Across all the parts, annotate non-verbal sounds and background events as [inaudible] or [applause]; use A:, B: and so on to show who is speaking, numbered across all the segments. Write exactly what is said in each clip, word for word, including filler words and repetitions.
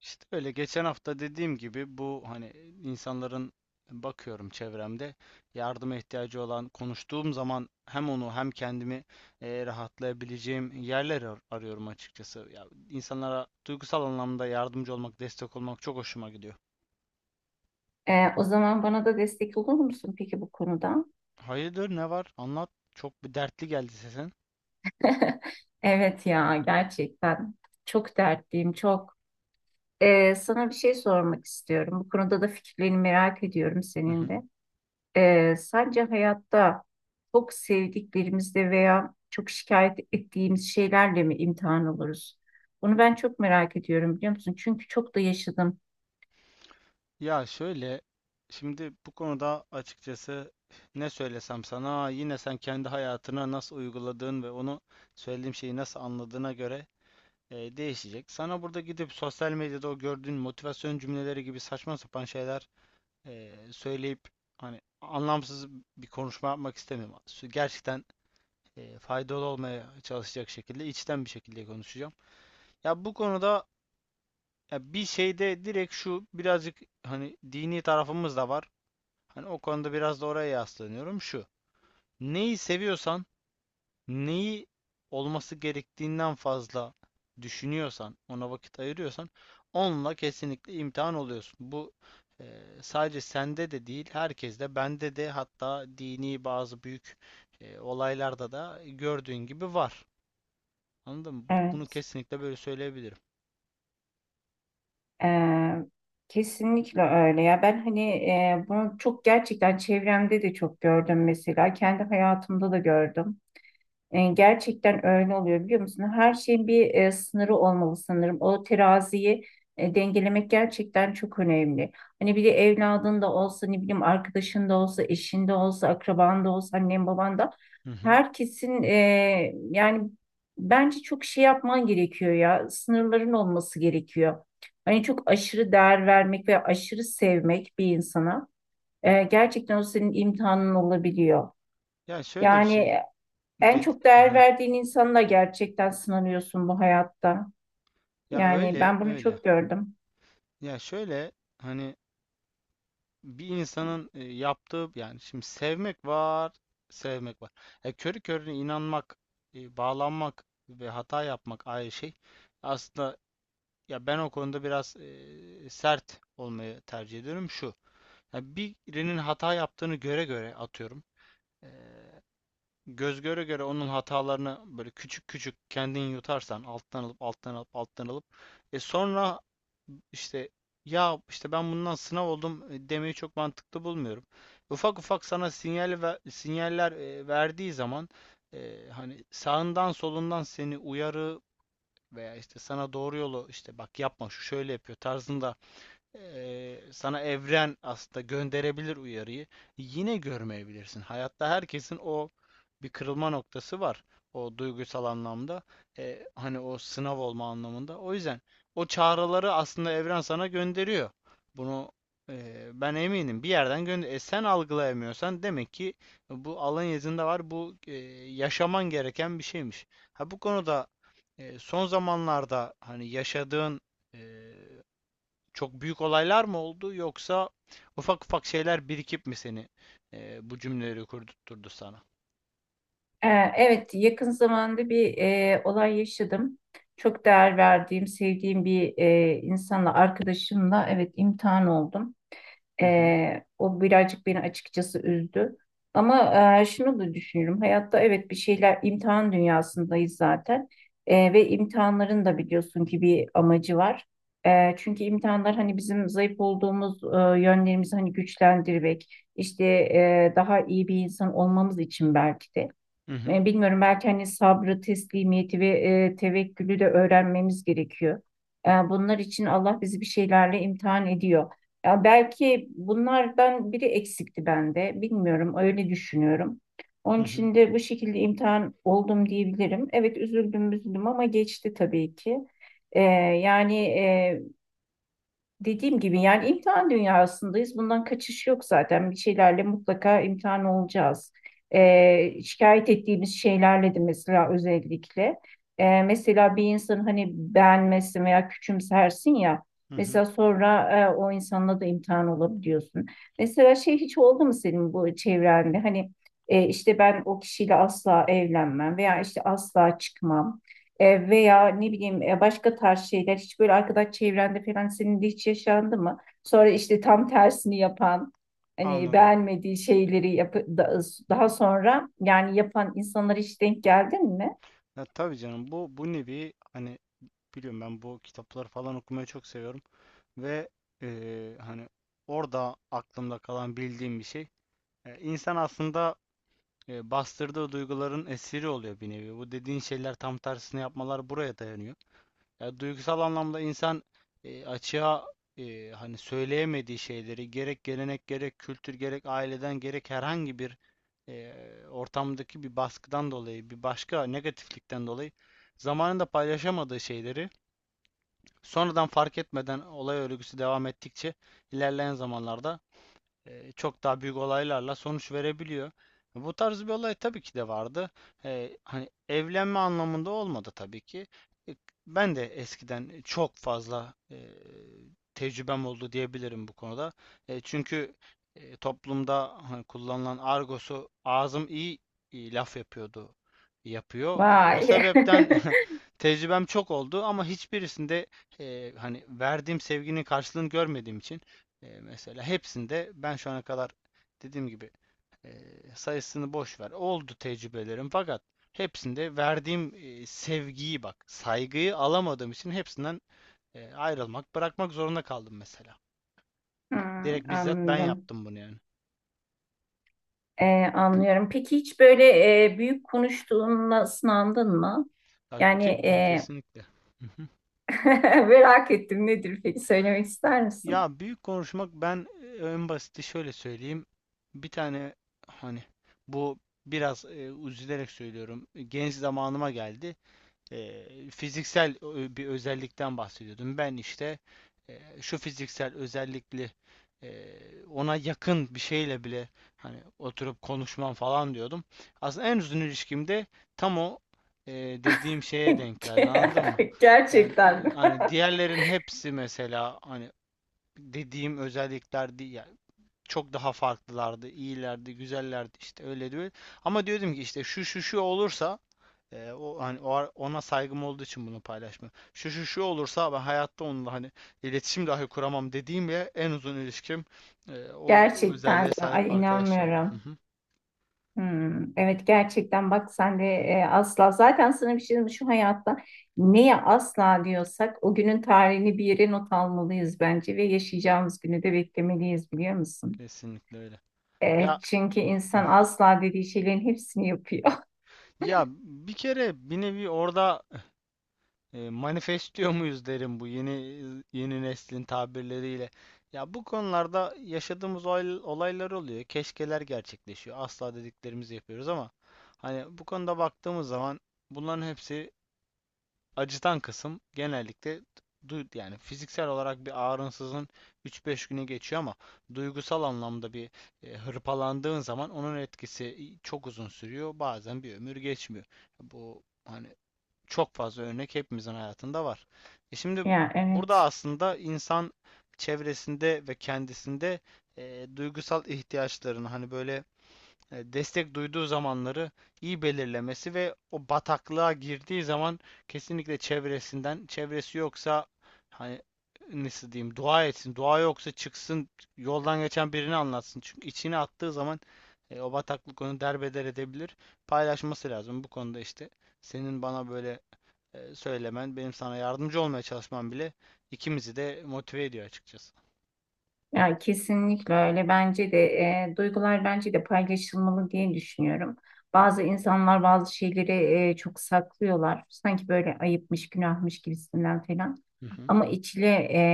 A: İşte öyle geçen hafta dediğim gibi bu hani insanların bakıyorum çevremde yardıma ihtiyacı olan konuştuğum zaman hem onu hem kendimi eh, rahatlayabileceğim yerler ar- arıyorum açıkçası. Ya insanlara duygusal anlamda yardımcı olmak, destek olmak çok hoşuma gidiyor.
B: Ee, o zaman bana da destek olur musun peki bu konuda?
A: Hayırdır ne var? Anlat. Çok bir dertli geldi sesin.
B: [laughs] Evet ya gerçekten çok dertliyim çok. Ee, sana bir şey sormak istiyorum. Bu konuda da fikirlerini merak ediyorum senin de. Ee, sence hayatta çok sevdiklerimizle veya çok şikayet ettiğimiz şeylerle mi imtihan oluruz? Bunu ben çok merak ediyorum biliyor musun? Çünkü çok da yaşadım.
A: Ya şöyle, şimdi bu konuda açıkçası ne söylesem sana yine sen kendi hayatına nasıl uyguladığın ve onu söylediğim şeyi nasıl anladığına göre e, değişecek. Sana burada gidip sosyal medyada o gördüğün motivasyon cümleleri gibi saçma sapan şeyler e, söyleyip hani anlamsız bir konuşma yapmak istemiyorum. Sü- Gerçekten e, faydalı olmaya çalışacak şekilde içten bir şekilde konuşacağım. Ya bu konuda ya bir şeyde direkt şu birazcık hani dini tarafımız da var. Hani o konuda biraz da oraya yaslanıyorum. Şu. Neyi seviyorsan, neyi olması gerektiğinden fazla düşünüyorsan, ona vakit ayırıyorsan onunla kesinlikle imtihan oluyorsun. Bu e, sadece sende de değil, herkeste, bende de hatta dini bazı büyük e, olaylarda da gördüğün gibi var. Anladın mı? Bunu
B: Evet.
A: kesinlikle böyle söyleyebilirim.
B: Ee, Kesinlikle öyle ya. Ben hani e, bunu çok gerçekten çevremde de çok gördüm mesela. Kendi hayatımda da gördüm. E, Gerçekten öyle oluyor biliyor musun? Her şeyin bir e, sınırı olmalı sanırım. O teraziyi e, dengelemek gerçekten çok önemli. Hani bir de evladın da olsa, ne bileyim arkadaşın da olsa, eşin de olsa, akraban da olsa, annen baban da
A: Hı hı.
B: herkesin, e, yani bence çok şey yapman gerekiyor ya. Sınırların olması gerekiyor. Hani çok aşırı değer vermek ve aşırı sevmek bir insana e, gerçekten o senin imtihanın olabiliyor.
A: Ya şöyle bir şey
B: Yani en
A: dedi.
B: çok değer
A: Hı.
B: verdiğin insanla gerçekten sınanıyorsun bu hayatta.
A: Ya
B: Yani
A: öyle
B: ben bunu
A: öyle.
B: çok gördüm.
A: Ya şöyle hani bir insanın e, yaptığı yani şimdi sevmek var, sevmek var. E, körü körüne inanmak, e, bağlanmak ve hata yapmak ayrı şey. Aslında ya ben o konuda biraz e, sert olmayı tercih ediyorum şu. Ya birinin hata yaptığını göre göre atıyorum. e, Göz göre göre onun hatalarını böyle küçük küçük kendin yutarsan alttan alıp alttan alıp alttan alıp e sonra işte ya işte ben bundan sınav oldum e, demeyi çok mantıklı bulmuyorum. Ufak ufak sana sinyal ve sinyaller e, verdiği zaman e, hani sağından solundan seni uyarı veya işte sana doğru yolu işte bak yapma şu şöyle yapıyor tarzında ee, sana evren aslında gönderebilir uyarıyı. Yine görmeyebilirsin. Hayatta herkesin o bir kırılma noktası var. O duygusal anlamda. Ee, hani o sınav olma anlamında. O yüzden o çağrıları aslında evren sana gönderiyor. Bunu e, ben eminim. Bir yerden gönder. E, sen algılayamıyorsan demek ki bu alın yazında var. Bu e, yaşaman gereken bir şeymiş. Ha bu konuda e, son zamanlarda hani yaşadığın e, çok büyük olaylar mı oldu yoksa ufak ufak şeyler birikip mi seni e, bu cümleleri kurdurtturdu sana?
B: Ee, evet, yakın zamanda bir e, olay yaşadım. Çok değer verdiğim, sevdiğim bir e, insanla, arkadaşımla evet imtihan oldum.
A: Hı hı.
B: Ee, o birazcık beni açıkçası üzdü. Ama e, şunu da düşünüyorum. Hayatta evet bir şeyler imtihan dünyasındayız zaten. Ee, ve imtihanların da biliyorsun ki bir amacı var. Ee, çünkü imtihanlar hani bizim zayıf olduğumuz e, yönlerimizi hani güçlendirmek, işte, e, daha iyi bir insan olmamız için belki de.
A: Hı hı.
B: E, bilmiyorum, belki hani sabrı, teslimiyeti ve e, tevekkülü de öğrenmemiz gerekiyor. E, bunlar için Allah bizi bir şeylerle imtihan ediyor. Ya belki bunlardan biri eksikti bende. Bilmiyorum, öyle düşünüyorum.
A: Hı
B: Onun
A: hı.
B: için de bu şekilde imtihan oldum diyebilirim. Evet, üzüldüm üzüldüm ama geçti tabii ki. E, yani e, Dediğim gibi yani imtihan dünyasındayız. Bundan kaçış yok zaten. Bir şeylerle mutlaka imtihan olacağız.
A: Ya-
B: Ee, şikayet ettiğimiz şeylerle de mesela özellikle. Ee, mesela bir insanın hani beğenmezsin veya küçümsersin ya.
A: Hı hı.
B: Mesela sonra e, o insanla da imtihan olabiliyorsun. Mesela şey hiç oldu mu senin bu çevrende? Hani e, işte ben o kişiyle asla evlenmem veya işte asla çıkmam. E, veya ne bileyim e, başka tarz şeyler hiç böyle arkadaş çevrende falan senin de hiç yaşandı mı? Sonra işte tam tersini yapan, hani
A: Anladım.
B: beğenmediği şeyleri yapı da- daha sonra yani yapan insanlara hiç denk geldin mi?
A: Ya, tabii canım bu bu nevi hani biliyorum ben bu kitapları falan okumayı çok seviyorum ve eee, hani orada aklımda kalan bildiğim bir şey. E, insan aslında e, bastırdığı duyguların esiri oluyor bir nevi. Bu dediğin şeyler tam tersini yapmalar buraya dayanıyor. Ya duygusal anlamda insan e, açığa e, hani söyleyemediği şeyleri gerek gelenek gerek kültür gerek aileden gerek herhangi bir e, ortamdaki bir baskıdan dolayı bir başka negatiflikten dolayı zamanında paylaşamadığı şeyleri sonradan fark etmeden olay örgüsü devam ettikçe ilerleyen zamanlarda e, çok daha büyük olaylarla sonuç verebiliyor. Bu tarz bir olay tabii ki de vardı. E, hani evlenme anlamında olmadı tabii ki. E, Ben de eskiden çok fazla e, tecrübem oldu diyebilirim bu konuda. E, çünkü e, toplumda hani kullanılan argosu ağzım iyi, iyi laf yapıyordu yapıyor. E, o
B: Vay.
A: sebepten
B: [laughs]
A: [laughs] tecrübem çok oldu ama hiçbirisinde e, hani verdiğim sevginin karşılığını görmediğim için ee, mesela hepsinde ben şu ana kadar dediğim gibi e, sayısını boş ver. Oldu tecrübelerim fakat hepsinde verdiğim e, sevgiyi bak, saygıyı alamadığım için hepsinden e, ayrılmak, bırakmak zorunda kaldım mesela.
B: Hmm,
A: Direkt bizzat ben
B: anladım.
A: yaptım bunu yani.
B: E, anlıyorum. Peki hiç böyle e, büyük konuştuğunla sınandın mı?
A: Bak
B: Yani,
A: ke-
B: e,
A: Kesinlikle. Hı hı.
B: [laughs] merak ettim, nedir peki, söylemek ister misin?
A: Ya büyük konuşmak ben e, en basiti şöyle söyleyeyim. Bir tane hani bu biraz e, üzülerek söylüyorum. Genç zamanıma geldi. e, Fiziksel bir özellikten bahsediyordum. Ben işte e, şu fiziksel özellikli e, ona yakın bir şeyle bile hani oturup konuşmam falan diyordum. Aslında en uzun ilişkimde tam o e, dediğim şeye denk geldi anladın mı?
B: [laughs]
A: Yani
B: Gerçekten.
A: e, hani
B: [laughs]
A: diğerlerin hepsi mesela hani dediğim özellikler değil yani çok daha farklılardı, iyilerdi, güzellerdi işte öyle diyor. Ama diyordum ki işte şu şu şu olursa ee, o hani o ar- ona saygım olduğu için bunu paylaşmıyorum. Şu şu şu olursa ben hayatta onunla hani iletişim dahi kuramam dediğim ve en uzun ilişkim e, o
B: Gerçekten
A: özelliğe
B: mi?
A: sahip
B: Ay
A: arkadaşla oldu. Hı
B: inanmıyorum.
A: hı.
B: Hmm, evet gerçekten, bak sen de, e, asla zaten, sana bir şey diyeyim mi? Şu hayatta neye asla diyorsak o günün tarihini bir yere not almalıyız bence ve yaşayacağımız günü de beklemeliyiz biliyor musun?
A: Kesinlikle öyle.
B: E,
A: Ya,
B: çünkü
A: hı.
B: insan asla dediği şeylerin hepsini yapıyor.
A: Ya
B: [laughs]
A: bir kere bir nevi orada e, manifestliyor muyuz derim bu yeni yeni neslin tabirleriyle. Ya bu konularda yaşadığımız olay- olaylar oluyor. Keşkeler gerçekleşiyor. Asla dediklerimizi yapıyoruz ama hani bu konuda baktığımız zaman bunların hepsi acıtan kısım genellikle yani fiziksel olarak bir ağrınsızın üç beş güne geçiyor ama duygusal anlamda bir e, hırpalandığın zaman onun etkisi çok uzun sürüyor. Bazen bir ömür geçmiyor. Bu hani çok fazla örnek hepimizin hayatında var. E şimdi
B: Ya
A: burada
B: evet.
A: aslında insan çevresinde ve kendisinde e, duygusal ihtiyaçlarını hani böyle e, destek duyduğu zamanları iyi belirlemesi ve o bataklığa girdiği zaman kesinlikle çevresinden, çevresi yoksa hani nasıl diyeyim dua etsin, dua yoksa çıksın yoldan geçen birini anlatsın. Çünkü içine attığı zaman e, o bataklık onu derbeder edebilir. Paylaşması lazım bu konuda işte. Senin bana böyle e, söylemen, benim sana yardımcı olmaya çalışmam bile ikimizi de motive ediyor açıkçası.
B: Ya kesinlikle öyle, bence de e, duygular bence de paylaşılmalı diye düşünüyorum. Bazı insanlar bazı şeyleri e, çok saklıyorlar. Sanki böyle ayıpmış, günahmış gibisinden falan.
A: Hı hı,
B: Ama içile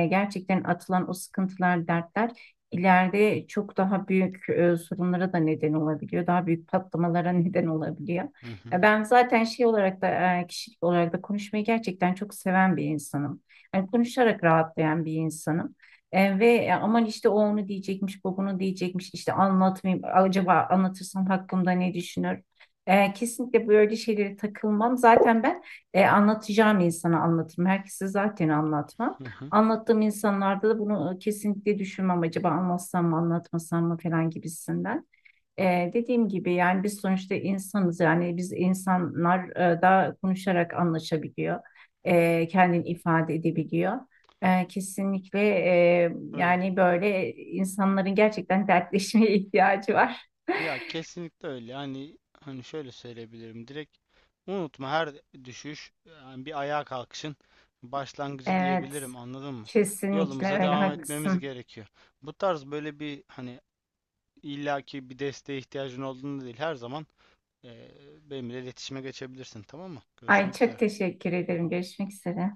B: e, gerçekten atılan o sıkıntılar, dertler ileride çok daha büyük e, sorunlara da neden olabiliyor. Daha büyük patlamalara [laughs] neden olabiliyor.
A: hı hı,
B: Ya ben zaten şey olarak da, e, kişilik olarak da konuşmayı gerçekten çok seven bir insanım. Yani konuşarak rahatlayan bir insanım. E, ve e, aman işte o onu diyecekmiş, bu bunu diyecekmiş, işte anlatmayayım, acaba anlatırsam hakkımda ne düşünür? E, kesinlikle böyle şeylere takılmam. Zaten ben e, anlatacağım insana anlatırım. Herkese zaten anlatmam.
A: hı hı.
B: Anlattığım insanlarda da bunu e, kesinlikle düşünmem. Acaba anlatsam mı anlatmasam mı falan gibisinden. E, dediğim gibi yani biz sonuçta insanız. Yani biz insanlar e, da konuşarak anlaşabiliyor. E, kendini ifade edebiliyor. E, kesinlikle e,
A: Öyle.
B: yani böyle insanların gerçekten dertleşmeye ihtiyacı var.
A: Ya
B: [laughs]
A: kesinlikle öyle. Hani hani şöyle söyleyebilirim. Direkt unutma her düşüş yani bir ayağa kalkışın başlangıcı
B: Evet,
A: diyebilirim. Anladın mı?
B: kesinlikle
A: Yolumuza
B: öyle
A: devam etmemiz
B: haklısın.
A: gerekiyor. Bu tarz böyle bir hani illaki bir desteğe ihtiyacın olduğunu değil her zaman eee benimle iletişime geçebilirsin. Tamam mı?
B: Ay
A: Görüşmek üzere.
B: çok teşekkür ederim. Görüşmek üzere.